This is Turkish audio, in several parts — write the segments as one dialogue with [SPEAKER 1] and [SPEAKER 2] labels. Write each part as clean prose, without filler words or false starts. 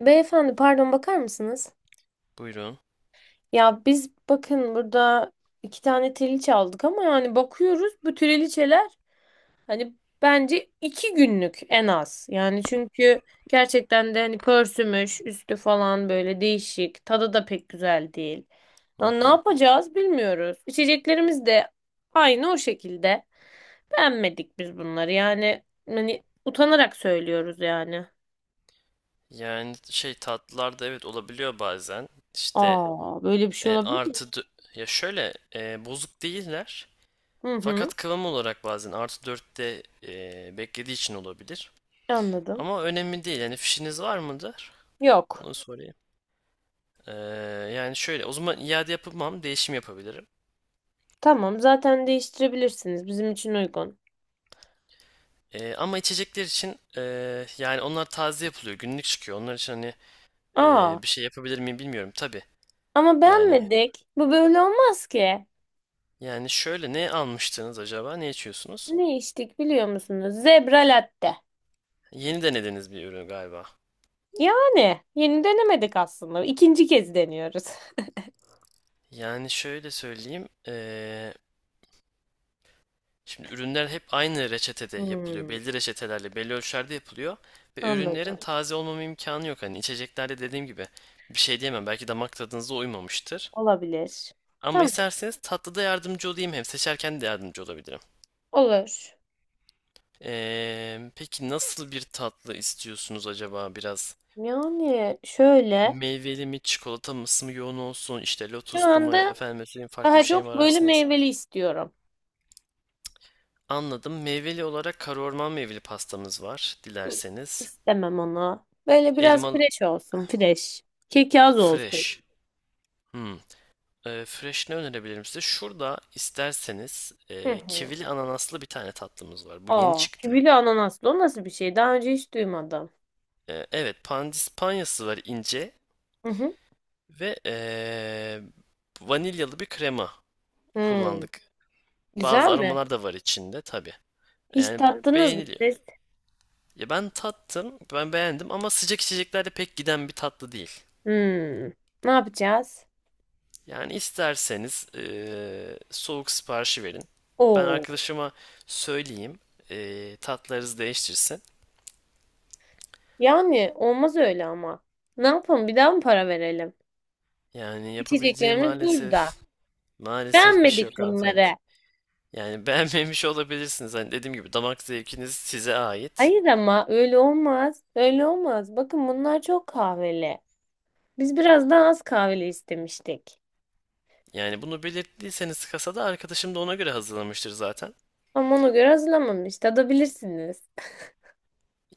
[SPEAKER 1] Beyefendi pardon bakar mısınız?
[SPEAKER 2] Buyurun.
[SPEAKER 1] Ya biz bakın burada iki tane triliçe aldık ama bakıyoruz bu triliçeler hani bence iki günlük en az. Yani çünkü gerçekten de pörsümüş üstü falan, böyle değişik, tadı da pek güzel değil.
[SPEAKER 2] Hı
[SPEAKER 1] Ya ne
[SPEAKER 2] hı.
[SPEAKER 1] yapacağız bilmiyoruz. İçeceklerimiz de aynı o şekilde. Beğenmedik biz bunları, utanarak söylüyoruz.
[SPEAKER 2] Yani tatlılarda evet olabiliyor bazen. İşte
[SPEAKER 1] Aa, böyle bir şey
[SPEAKER 2] e,
[SPEAKER 1] olabilir mi?
[SPEAKER 2] artı dö- ya şöyle e, bozuk değiller.
[SPEAKER 1] Hı hı,
[SPEAKER 2] Fakat kıvam olarak bazen artı dörtte beklediği için olabilir.
[SPEAKER 1] anladım.
[SPEAKER 2] Ama önemli değil. Yani fişiniz var mıdır?
[SPEAKER 1] Yok.
[SPEAKER 2] Onu sorayım. E, Yani şöyle o zaman iade yapamam. Değişim yapabilirim.
[SPEAKER 1] Tamam, zaten değiştirebilirsiniz. Bizim için uygun.
[SPEAKER 2] Ama içecekler için yani onlar taze yapılıyor. Günlük çıkıyor. Onlar için
[SPEAKER 1] Aa,
[SPEAKER 2] bir şey yapabilir miyim bilmiyorum. Tabii.
[SPEAKER 1] ama
[SPEAKER 2] Yani
[SPEAKER 1] beğenmedik. Bu böyle olmaz ki.
[SPEAKER 2] Yani şöyle ne almıştınız acaba? Ne içiyorsunuz?
[SPEAKER 1] Ne içtik biliyor musunuz? Zebra latte.
[SPEAKER 2] Yeni denediğiniz bir ürün galiba.
[SPEAKER 1] Yani yeni denemedik aslında. İkinci kez deniyoruz.
[SPEAKER 2] Yani şöyle söyleyeyim. Şimdi ürünler hep aynı reçetede yapılıyor.
[SPEAKER 1] Hmm,
[SPEAKER 2] Belli reçetelerle, belli ölçülerde yapılıyor. Ve ürünlerin
[SPEAKER 1] anladım.
[SPEAKER 2] taze olmama imkanı yok. Hani içeceklerde dediğim gibi bir şey diyemem. Belki damak tadınıza uymamıştır.
[SPEAKER 1] Olabilir.
[SPEAKER 2] Ama
[SPEAKER 1] Tamam,
[SPEAKER 2] isterseniz tatlıda yardımcı olayım. Hem seçerken de yardımcı olabilirim.
[SPEAKER 1] olur.
[SPEAKER 2] Peki nasıl bir tatlı istiyorsunuz acaba biraz?
[SPEAKER 1] Yani şöyle,
[SPEAKER 2] Meyveli mi, çikolata mısı mı yoğun olsun, işte
[SPEAKER 1] şu
[SPEAKER 2] lotuslu mu,
[SPEAKER 1] anda
[SPEAKER 2] efendim söyleyeyim farklı bir
[SPEAKER 1] daha
[SPEAKER 2] şey mi
[SPEAKER 1] çok böyle
[SPEAKER 2] ararsınız?
[SPEAKER 1] meyveli istiyorum.
[SPEAKER 2] Anladım. Meyveli olarak kara orman meyveli pastamız var, dilerseniz.
[SPEAKER 1] İstemem onu. Böyle biraz
[SPEAKER 2] Elmalı
[SPEAKER 1] fresh olsun, fresh. Kek az olsun.
[SPEAKER 2] fresh. Hmm. Fresh ne önerebilirim size? Şurada isterseniz
[SPEAKER 1] Hı hı.
[SPEAKER 2] kivili ananaslı bir tane tatlımız var. Bu yeni
[SPEAKER 1] Aa,
[SPEAKER 2] çıktı.
[SPEAKER 1] kivili ananaslı o nasıl bir şey? Daha önce hiç duymadım.
[SPEAKER 2] Evet, pandispanyası var ince
[SPEAKER 1] Hı hı.
[SPEAKER 2] ve vanilyalı bir krema
[SPEAKER 1] Hmm.
[SPEAKER 2] kullandık.
[SPEAKER 1] Güzel
[SPEAKER 2] Bazı
[SPEAKER 1] mi?
[SPEAKER 2] aromalar da var içinde tabii.
[SPEAKER 1] Hiç
[SPEAKER 2] Yani
[SPEAKER 1] tattınız mı
[SPEAKER 2] beğeniliyor.
[SPEAKER 1] siz?
[SPEAKER 2] Ya ben tattım, ben beğendim ama sıcak içeceklerde pek giden bir tatlı değil.
[SPEAKER 1] Hmm. Ne yapacağız?
[SPEAKER 2] Yani isterseniz soğuk siparişi verin. Ben
[SPEAKER 1] Oo.
[SPEAKER 2] arkadaşıma söyleyeyim, tatlarınızı değiştirsin.
[SPEAKER 1] Yani olmaz öyle ama. Ne yapalım? Bir daha mı para verelim?
[SPEAKER 2] Yani yapabileceğim
[SPEAKER 1] İçeceklerimiz burada.
[SPEAKER 2] maalesef bir şey
[SPEAKER 1] Beğenmedik
[SPEAKER 2] yok hanımefendi.
[SPEAKER 1] bunları.
[SPEAKER 2] Yani beğenmemiş olabilirsiniz. Hani dediğim gibi damak zevkiniz size ait.
[SPEAKER 1] Hayır ama öyle olmaz. Öyle olmaz. Bakın bunlar çok kahveli. Biz biraz daha az kahveli istemiştik.
[SPEAKER 2] Yani bunu belirttiyseniz kasada arkadaşım da ona göre hazırlamıştır zaten.
[SPEAKER 1] Ama ona göre hazırlamamış. Tadabilirsiniz.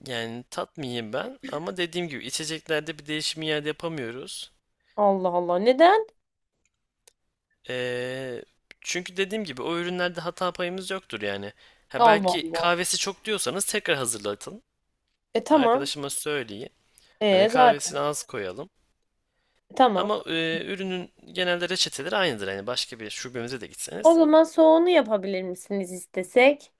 [SPEAKER 2] Yani tatmayayım ben ama dediğim gibi içeceklerde bir değişim iade yapamıyoruz.
[SPEAKER 1] Allah Allah. Neden?
[SPEAKER 2] Ee, Çünkü dediğim gibi o ürünlerde hata payımız yoktur yani. Ha
[SPEAKER 1] Allah
[SPEAKER 2] belki
[SPEAKER 1] Allah.
[SPEAKER 2] kahvesi çok diyorsanız tekrar hazırlatın.
[SPEAKER 1] E tamam.
[SPEAKER 2] Arkadaşıma söyleyin. Hani
[SPEAKER 1] E zaten.
[SPEAKER 2] kahvesini az koyalım.
[SPEAKER 1] Tamam.
[SPEAKER 2] Ama ürünün genelde reçeteleri aynıdır. Hani başka bir şubemize de
[SPEAKER 1] O
[SPEAKER 2] gitseniz.
[SPEAKER 1] zaman soğunu yapabilir misiniz istesek?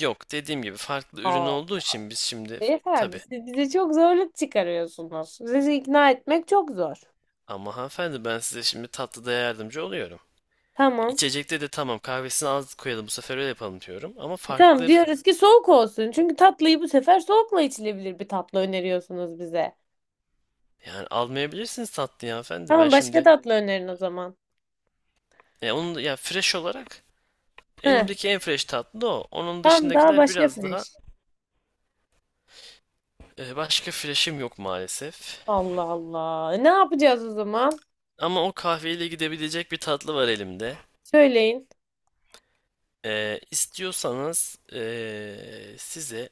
[SPEAKER 2] Yok dediğim gibi farklı ürün
[SPEAKER 1] Aa,
[SPEAKER 2] olduğu için biz şimdi
[SPEAKER 1] beyefendi
[SPEAKER 2] tabii.
[SPEAKER 1] siz bize çok zorluk çıkarıyorsunuz. Sizi ikna etmek çok zor.
[SPEAKER 2] Ama hanımefendi ben size şimdi tatlıda yardımcı oluyorum.
[SPEAKER 1] Tamam.
[SPEAKER 2] İçecekte de tamam kahvesini az koyalım bu sefer öyle yapalım diyorum. Ama
[SPEAKER 1] E, tamam
[SPEAKER 2] farklıdır.
[SPEAKER 1] diyoruz ki soğuk olsun. Çünkü tatlıyı bu sefer soğukla içilebilir bir tatlı öneriyorsunuz bize.
[SPEAKER 2] Yani almayabilirsiniz tatlıyı hanımefendi. Ben
[SPEAKER 1] Tamam, başka
[SPEAKER 2] şimdi
[SPEAKER 1] tatlı önerin o zaman.
[SPEAKER 2] E, onun ya fresh olarak
[SPEAKER 1] Heh,
[SPEAKER 2] elimdeki en fresh tatlı o. Onun
[SPEAKER 1] tamam, daha
[SPEAKER 2] dışındakiler
[SPEAKER 1] başka
[SPEAKER 2] biraz daha
[SPEAKER 1] fresh.
[SPEAKER 2] başka fresh'im yok maalesef.
[SPEAKER 1] Allah Allah. E, ne yapacağız o zaman?
[SPEAKER 2] Ama o kahveyle gidebilecek bir tatlı var elimde.
[SPEAKER 1] Söyleyin.
[SPEAKER 2] İstiyorsanız size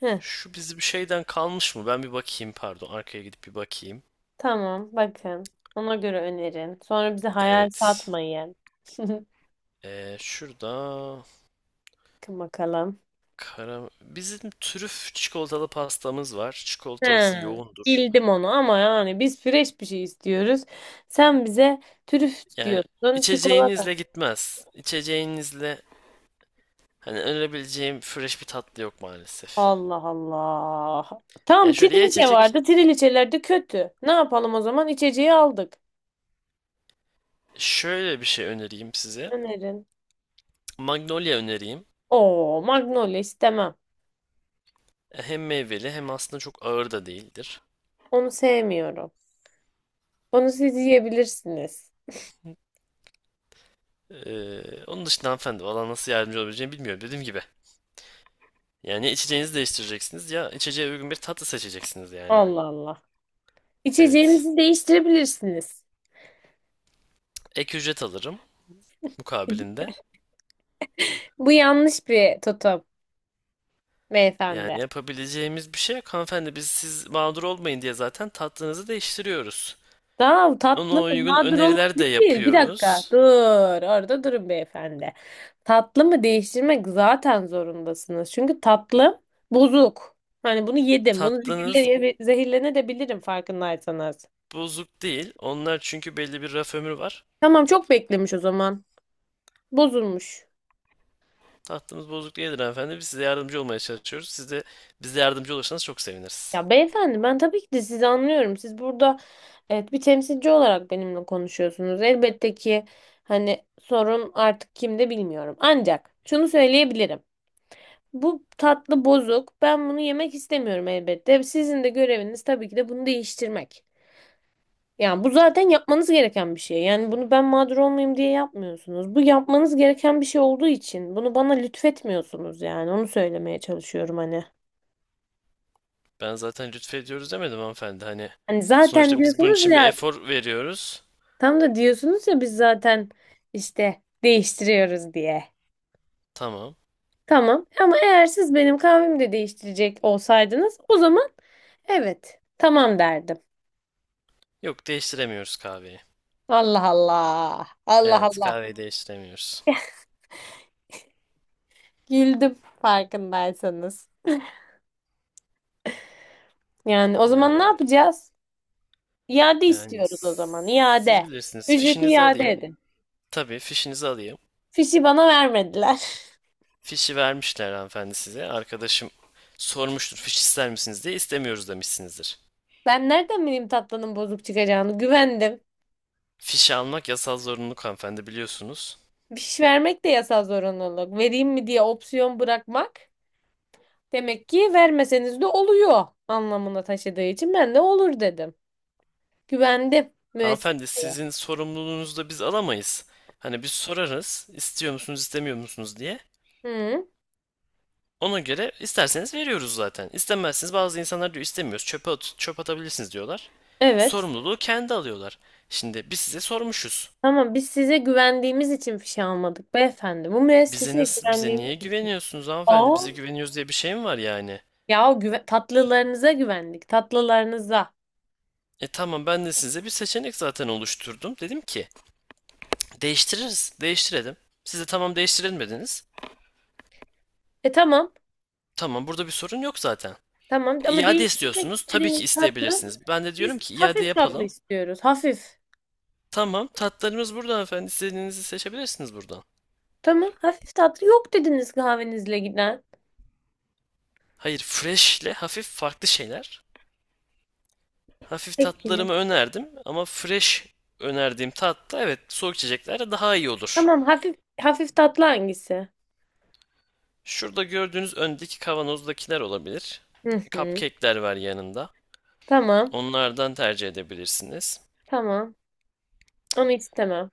[SPEAKER 1] Heh,
[SPEAKER 2] şu bizim şeyden kalmış mı? Ben bir bakayım pardon arkaya gidip bir bakayım.
[SPEAKER 1] tamam, bakın. Ona göre önerin. Sonra bize hayal
[SPEAKER 2] Evet.
[SPEAKER 1] satmayın.
[SPEAKER 2] Şurada
[SPEAKER 1] Bakın bakalım.
[SPEAKER 2] kara... Bizim trüf çikolatalı pastamız var.
[SPEAKER 1] He,
[SPEAKER 2] Çikolatası yoğundur.
[SPEAKER 1] bildim onu ama yani biz fresh bir şey istiyoruz. Sen bize trüf
[SPEAKER 2] Yani
[SPEAKER 1] diyorsun, çikolata.
[SPEAKER 2] içeceğinizle gitmez. İçeceğinizle hani önerebileceğim fresh bir tatlı yok maalesef.
[SPEAKER 1] Allah Allah. Tamam,
[SPEAKER 2] Yani şöyle ya
[SPEAKER 1] triliçe
[SPEAKER 2] içecek
[SPEAKER 1] vardı. Triliçeler de kötü. Ne yapalım o zaman? İçeceği aldık.
[SPEAKER 2] Şöyle bir şey önereyim size.
[SPEAKER 1] Önerin.
[SPEAKER 2] Magnolia önereyim.
[SPEAKER 1] Oo, Magnolia istemem.
[SPEAKER 2] Hem meyveli hem aslında çok ağır da değildir.
[SPEAKER 1] Onu sevmiyorum. Onu siz yiyebilirsiniz.
[SPEAKER 2] Onun dışında hanımefendi valla nasıl yardımcı olabileceğimi bilmiyorum dediğim gibi. Yani içeceğinizi değiştireceksiniz ya içeceğe uygun bir tatlı seçeceksiniz yani.
[SPEAKER 1] Allah Allah.
[SPEAKER 2] Evet.
[SPEAKER 1] İçeceğimizi değiştirebilirsiniz.
[SPEAKER 2] Ek ücret alırım mukabilinde.
[SPEAKER 1] Bu yanlış bir tutum, beyefendi.
[SPEAKER 2] Yani yapabileceğimiz bir şey yok hanımefendi. Biz siz mağdur olmayın diye zaten tatlınızı değiştiriyoruz.
[SPEAKER 1] Tamam,
[SPEAKER 2] Ona
[SPEAKER 1] tatlı
[SPEAKER 2] uygun
[SPEAKER 1] nadir olmak
[SPEAKER 2] öneriler de
[SPEAKER 1] değil. Bir dakika dur,
[SPEAKER 2] yapıyoruz.
[SPEAKER 1] orada durun beyefendi. Tatlı mı değiştirmek zaten zorundasınız. Çünkü tatlı bozuk. Hani bunu yedim. Bunu
[SPEAKER 2] Tatlınız
[SPEAKER 1] zehirlenebilirim farkındaysanız.
[SPEAKER 2] bozuk değil. Onlar çünkü belli bir raf ömrü var.
[SPEAKER 1] Tamam, çok beklemiş o zaman. Bozulmuş.
[SPEAKER 2] Tatlımız bozuk değildir hanımefendi. Biz size yardımcı olmaya çalışıyoruz. Siz de bize yardımcı olursanız çok seviniriz.
[SPEAKER 1] Ya beyefendi, ben tabii ki de sizi anlıyorum. Siz burada, evet, bir temsilci olarak benimle konuşuyorsunuz. Elbette ki hani sorun artık kimde bilmiyorum. Ancak şunu söyleyebilirim. Bu tatlı bozuk. Ben bunu yemek istemiyorum elbette. Sizin de göreviniz tabii ki de bunu değiştirmek. Yani bu zaten yapmanız gereken bir şey. Yani bunu ben mağdur olmayayım diye yapmıyorsunuz. Bu yapmanız gereken bir şey olduğu için bunu bana lütfetmiyorsunuz yani. Onu söylemeye çalışıyorum hani.
[SPEAKER 2] Ben zaten lütfediyoruz demedim hanımefendi. Hani
[SPEAKER 1] Hani zaten
[SPEAKER 2] sonuçta biz bunun
[SPEAKER 1] diyorsunuz
[SPEAKER 2] için bir
[SPEAKER 1] ya,
[SPEAKER 2] efor veriyoruz.
[SPEAKER 1] tam da diyorsunuz ya, biz zaten işte değiştiriyoruz diye.
[SPEAKER 2] Tamam.
[SPEAKER 1] Tamam ama eğer siz benim kahvemi de değiştirecek olsaydınız, o zaman evet, tamam derdim.
[SPEAKER 2] Yok değiştiremiyoruz kahveyi.
[SPEAKER 1] Allah Allah. Allah
[SPEAKER 2] Evet
[SPEAKER 1] Allah.
[SPEAKER 2] kahveyi değiştiremiyoruz.
[SPEAKER 1] Güldüm farkındaysanız. Yani o
[SPEAKER 2] Ya,
[SPEAKER 1] zaman ne yapacağız? İade
[SPEAKER 2] yani
[SPEAKER 1] istiyoruz o zaman.
[SPEAKER 2] siz
[SPEAKER 1] İade.
[SPEAKER 2] bilirsiniz.
[SPEAKER 1] Ücreti
[SPEAKER 2] Fişinizi
[SPEAKER 1] iade
[SPEAKER 2] alayım.
[SPEAKER 1] edin.
[SPEAKER 2] Tabii fişinizi alayım.
[SPEAKER 1] Fişi bana vermediler.
[SPEAKER 2] Fişi vermişler hanımefendi size. Arkadaşım sormuştur fiş ister misiniz diye istemiyoruz demişsinizdir.
[SPEAKER 1] Ben nereden bileyim tatlının bozuk çıkacağını? Güvendim.
[SPEAKER 2] Fişe almak yasal zorunluluk hanımefendi biliyorsunuz.
[SPEAKER 1] Fiş vermek de yasal zorunluluk. Vereyim mi diye opsiyon bırakmak demek ki vermeseniz de oluyor anlamına taşıdığı için ben de olur dedim. Güvendim
[SPEAKER 2] Hanımefendi
[SPEAKER 1] müesseseye.
[SPEAKER 2] sizin sorumluluğunuzu da biz alamayız. Hani biz sorarız istiyor musunuz istemiyor musunuz diye.
[SPEAKER 1] Hı,
[SPEAKER 2] Ona göre isterseniz veriyoruz zaten. İstemezsiniz bazı insanlar diyor istemiyoruz çöpe at, çöp atabilirsiniz diyorlar.
[SPEAKER 1] evet.
[SPEAKER 2] Sorumluluğu kendi alıyorlar. Şimdi biz size sormuşuz.
[SPEAKER 1] Ama biz size güvendiğimiz için fişe almadık beyefendi. Bu müesseseye
[SPEAKER 2] Bize
[SPEAKER 1] güvendiğimiz
[SPEAKER 2] niye
[SPEAKER 1] için.
[SPEAKER 2] güveniyorsunuz hanımefendi?
[SPEAKER 1] Aa.
[SPEAKER 2] Bize güveniyoruz diye bir şey mi var yani?
[SPEAKER 1] Ya o tatlılarınıza güvendik. Tatlılarınıza.
[SPEAKER 2] E tamam ben de size bir seçenek zaten oluşturdum. Dedim ki değiştirelim. Siz de tamam değiştirelim dediniz.
[SPEAKER 1] E tamam.
[SPEAKER 2] Tamam, burada bir sorun yok zaten.
[SPEAKER 1] Tamam ama
[SPEAKER 2] İade
[SPEAKER 1] değiştirmek
[SPEAKER 2] istiyorsunuz. Tabii ki
[SPEAKER 1] istediğiniz tatlı.
[SPEAKER 2] isteyebilirsiniz. Ben de diyorum
[SPEAKER 1] Biz
[SPEAKER 2] ki iade
[SPEAKER 1] hafif tatlı
[SPEAKER 2] yapalım.
[SPEAKER 1] istiyoruz. Hafif.
[SPEAKER 2] Tamam, tatlarımız burada efendim. İstediğinizi seçebilirsiniz buradan.
[SPEAKER 1] Tamam. Hafif tatlı yok dediniz kahvenizle giden.
[SPEAKER 2] Hayır, fresh ile hafif farklı şeyler. Hafif
[SPEAKER 1] Peki.
[SPEAKER 2] tatlarımı önerdim ama fresh önerdiğim tatta evet soğuk içeceklerde daha iyi olur.
[SPEAKER 1] Tamam. Hafif hafif tatlı hangisi?
[SPEAKER 2] Şurada gördüğünüz öndeki kavanozdakiler olabilir.
[SPEAKER 1] Hı hı.
[SPEAKER 2] Cupcake'ler var yanında.
[SPEAKER 1] Tamam.
[SPEAKER 2] Onlardan tercih edebilirsiniz.
[SPEAKER 1] Tamam. Onu istemem.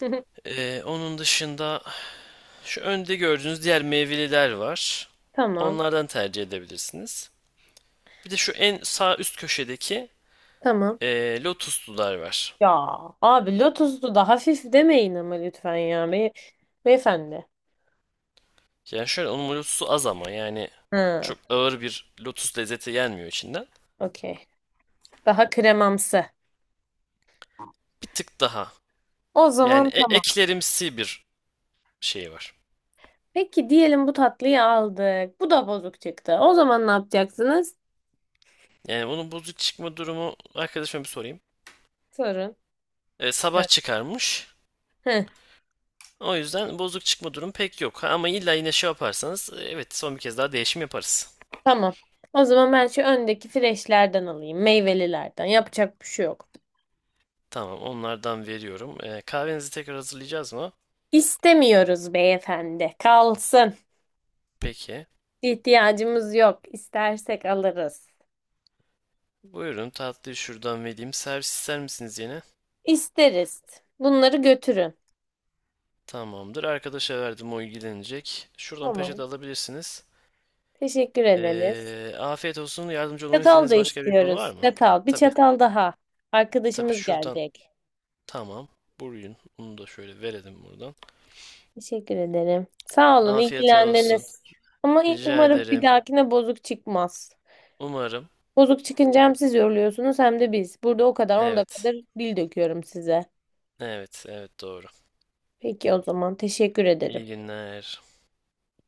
[SPEAKER 2] Onun dışında Şu önde gördüğünüz diğer meyveliler var.
[SPEAKER 1] Tamam.
[SPEAKER 2] Onlardan tercih edebilirsiniz. Bir de şu en sağ üst köşedeki
[SPEAKER 1] Tamam.
[SPEAKER 2] lotuslular var.
[SPEAKER 1] Ya abi, Lotus'u da hafif demeyin ama lütfen ya. Beyefendi.
[SPEAKER 2] Yani şöyle onun lotusu az ama yani
[SPEAKER 1] Ha,
[SPEAKER 2] çok ağır bir lotus lezzeti gelmiyor içinden.
[SPEAKER 1] okey. Daha kremamsı.
[SPEAKER 2] Bir tık daha.
[SPEAKER 1] O
[SPEAKER 2] Yani
[SPEAKER 1] zaman tamam.
[SPEAKER 2] eklerimsi bir şey var.
[SPEAKER 1] Peki diyelim bu tatlıyı aldık. Bu da bozuk çıktı. O zaman ne yapacaksınız?
[SPEAKER 2] Yani bunun bozuk çıkma durumu arkadaşıma bir sorayım.
[SPEAKER 1] Sorun.
[SPEAKER 2] Sabah
[SPEAKER 1] Evet.
[SPEAKER 2] çıkarmış.
[SPEAKER 1] Heh,
[SPEAKER 2] O yüzden bozuk çıkma durumu pek yok. Ha, ama illa yine şey yaparsanız evet son bir kez daha değişim yaparız.
[SPEAKER 1] tamam. O zaman ben şu öndeki freşlerden alayım. Meyvelilerden. Yapacak bir şey yok.
[SPEAKER 2] Tamam, onlardan veriyorum. Kahvenizi tekrar hazırlayacağız mı?
[SPEAKER 1] İstemiyoruz beyefendi. Kalsın.
[SPEAKER 2] Peki.
[SPEAKER 1] İhtiyacımız yok. İstersek alırız.
[SPEAKER 2] Buyurun, tatlıyı şuradan vereyim. Servis ister misiniz yine?
[SPEAKER 1] İsteriz. Bunları götürün.
[SPEAKER 2] Tamamdır. Arkadaşa verdim, o ilgilenecek. Şuradan
[SPEAKER 1] Tamam.
[SPEAKER 2] peçete alabilirsiniz.
[SPEAKER 1] Teşekkür ederiz.
[SPEAKER 2] Afiyet olsun. Yardımcı olmamı
[SPEAKER 1] Çatal da
[SPEAKER 2] istediğiniz başka bir konu var
[SPEAKER 1] istiyoruz.
[SPEAKER 2] mı?
[SPEAKER 1] Çatal. Bir
[SPEAKER 2] Tabii.
[SPEAKER 1] çatal daha.
[SPEAKER 2] Tabii
[SPEAKER 1] Arkadaşımız
[SPEAKER 2] şuradan.
[SPEAKER 1] gelecek.
[SPEAKER 2] Tamam. Buyurun. Onu da şöyle verelim buradan.
[SPEAKER 1] Teşekkür ederim. Sağ olun,
[SPEAKER 2] Afiyet olsun.
[SPEAKER 1] ilgilendiniz. Ama
[SPEAKER 2] Rica
[SPEAKER 1] umarım bir
[SPEAKER 2] ederim.
[SPEAKER 1] dahakine bozuk çıkmaz.
[SPEAKER 2] Umarım.
[SPEAKER 1] Bozuk çıkınca hem siz yoruluyorsunuz hem de biz. Burada o kadar 10
[SPEAKER 2] Evet.
[SPEAKER 1] dakikadır dil döküyorum size.
[SPEAKER 2] Evet. Evet doğru.
[SPEAKER 1] Peki o zaman teşekkür ederim.
[SPEAKER 2] İyi günler.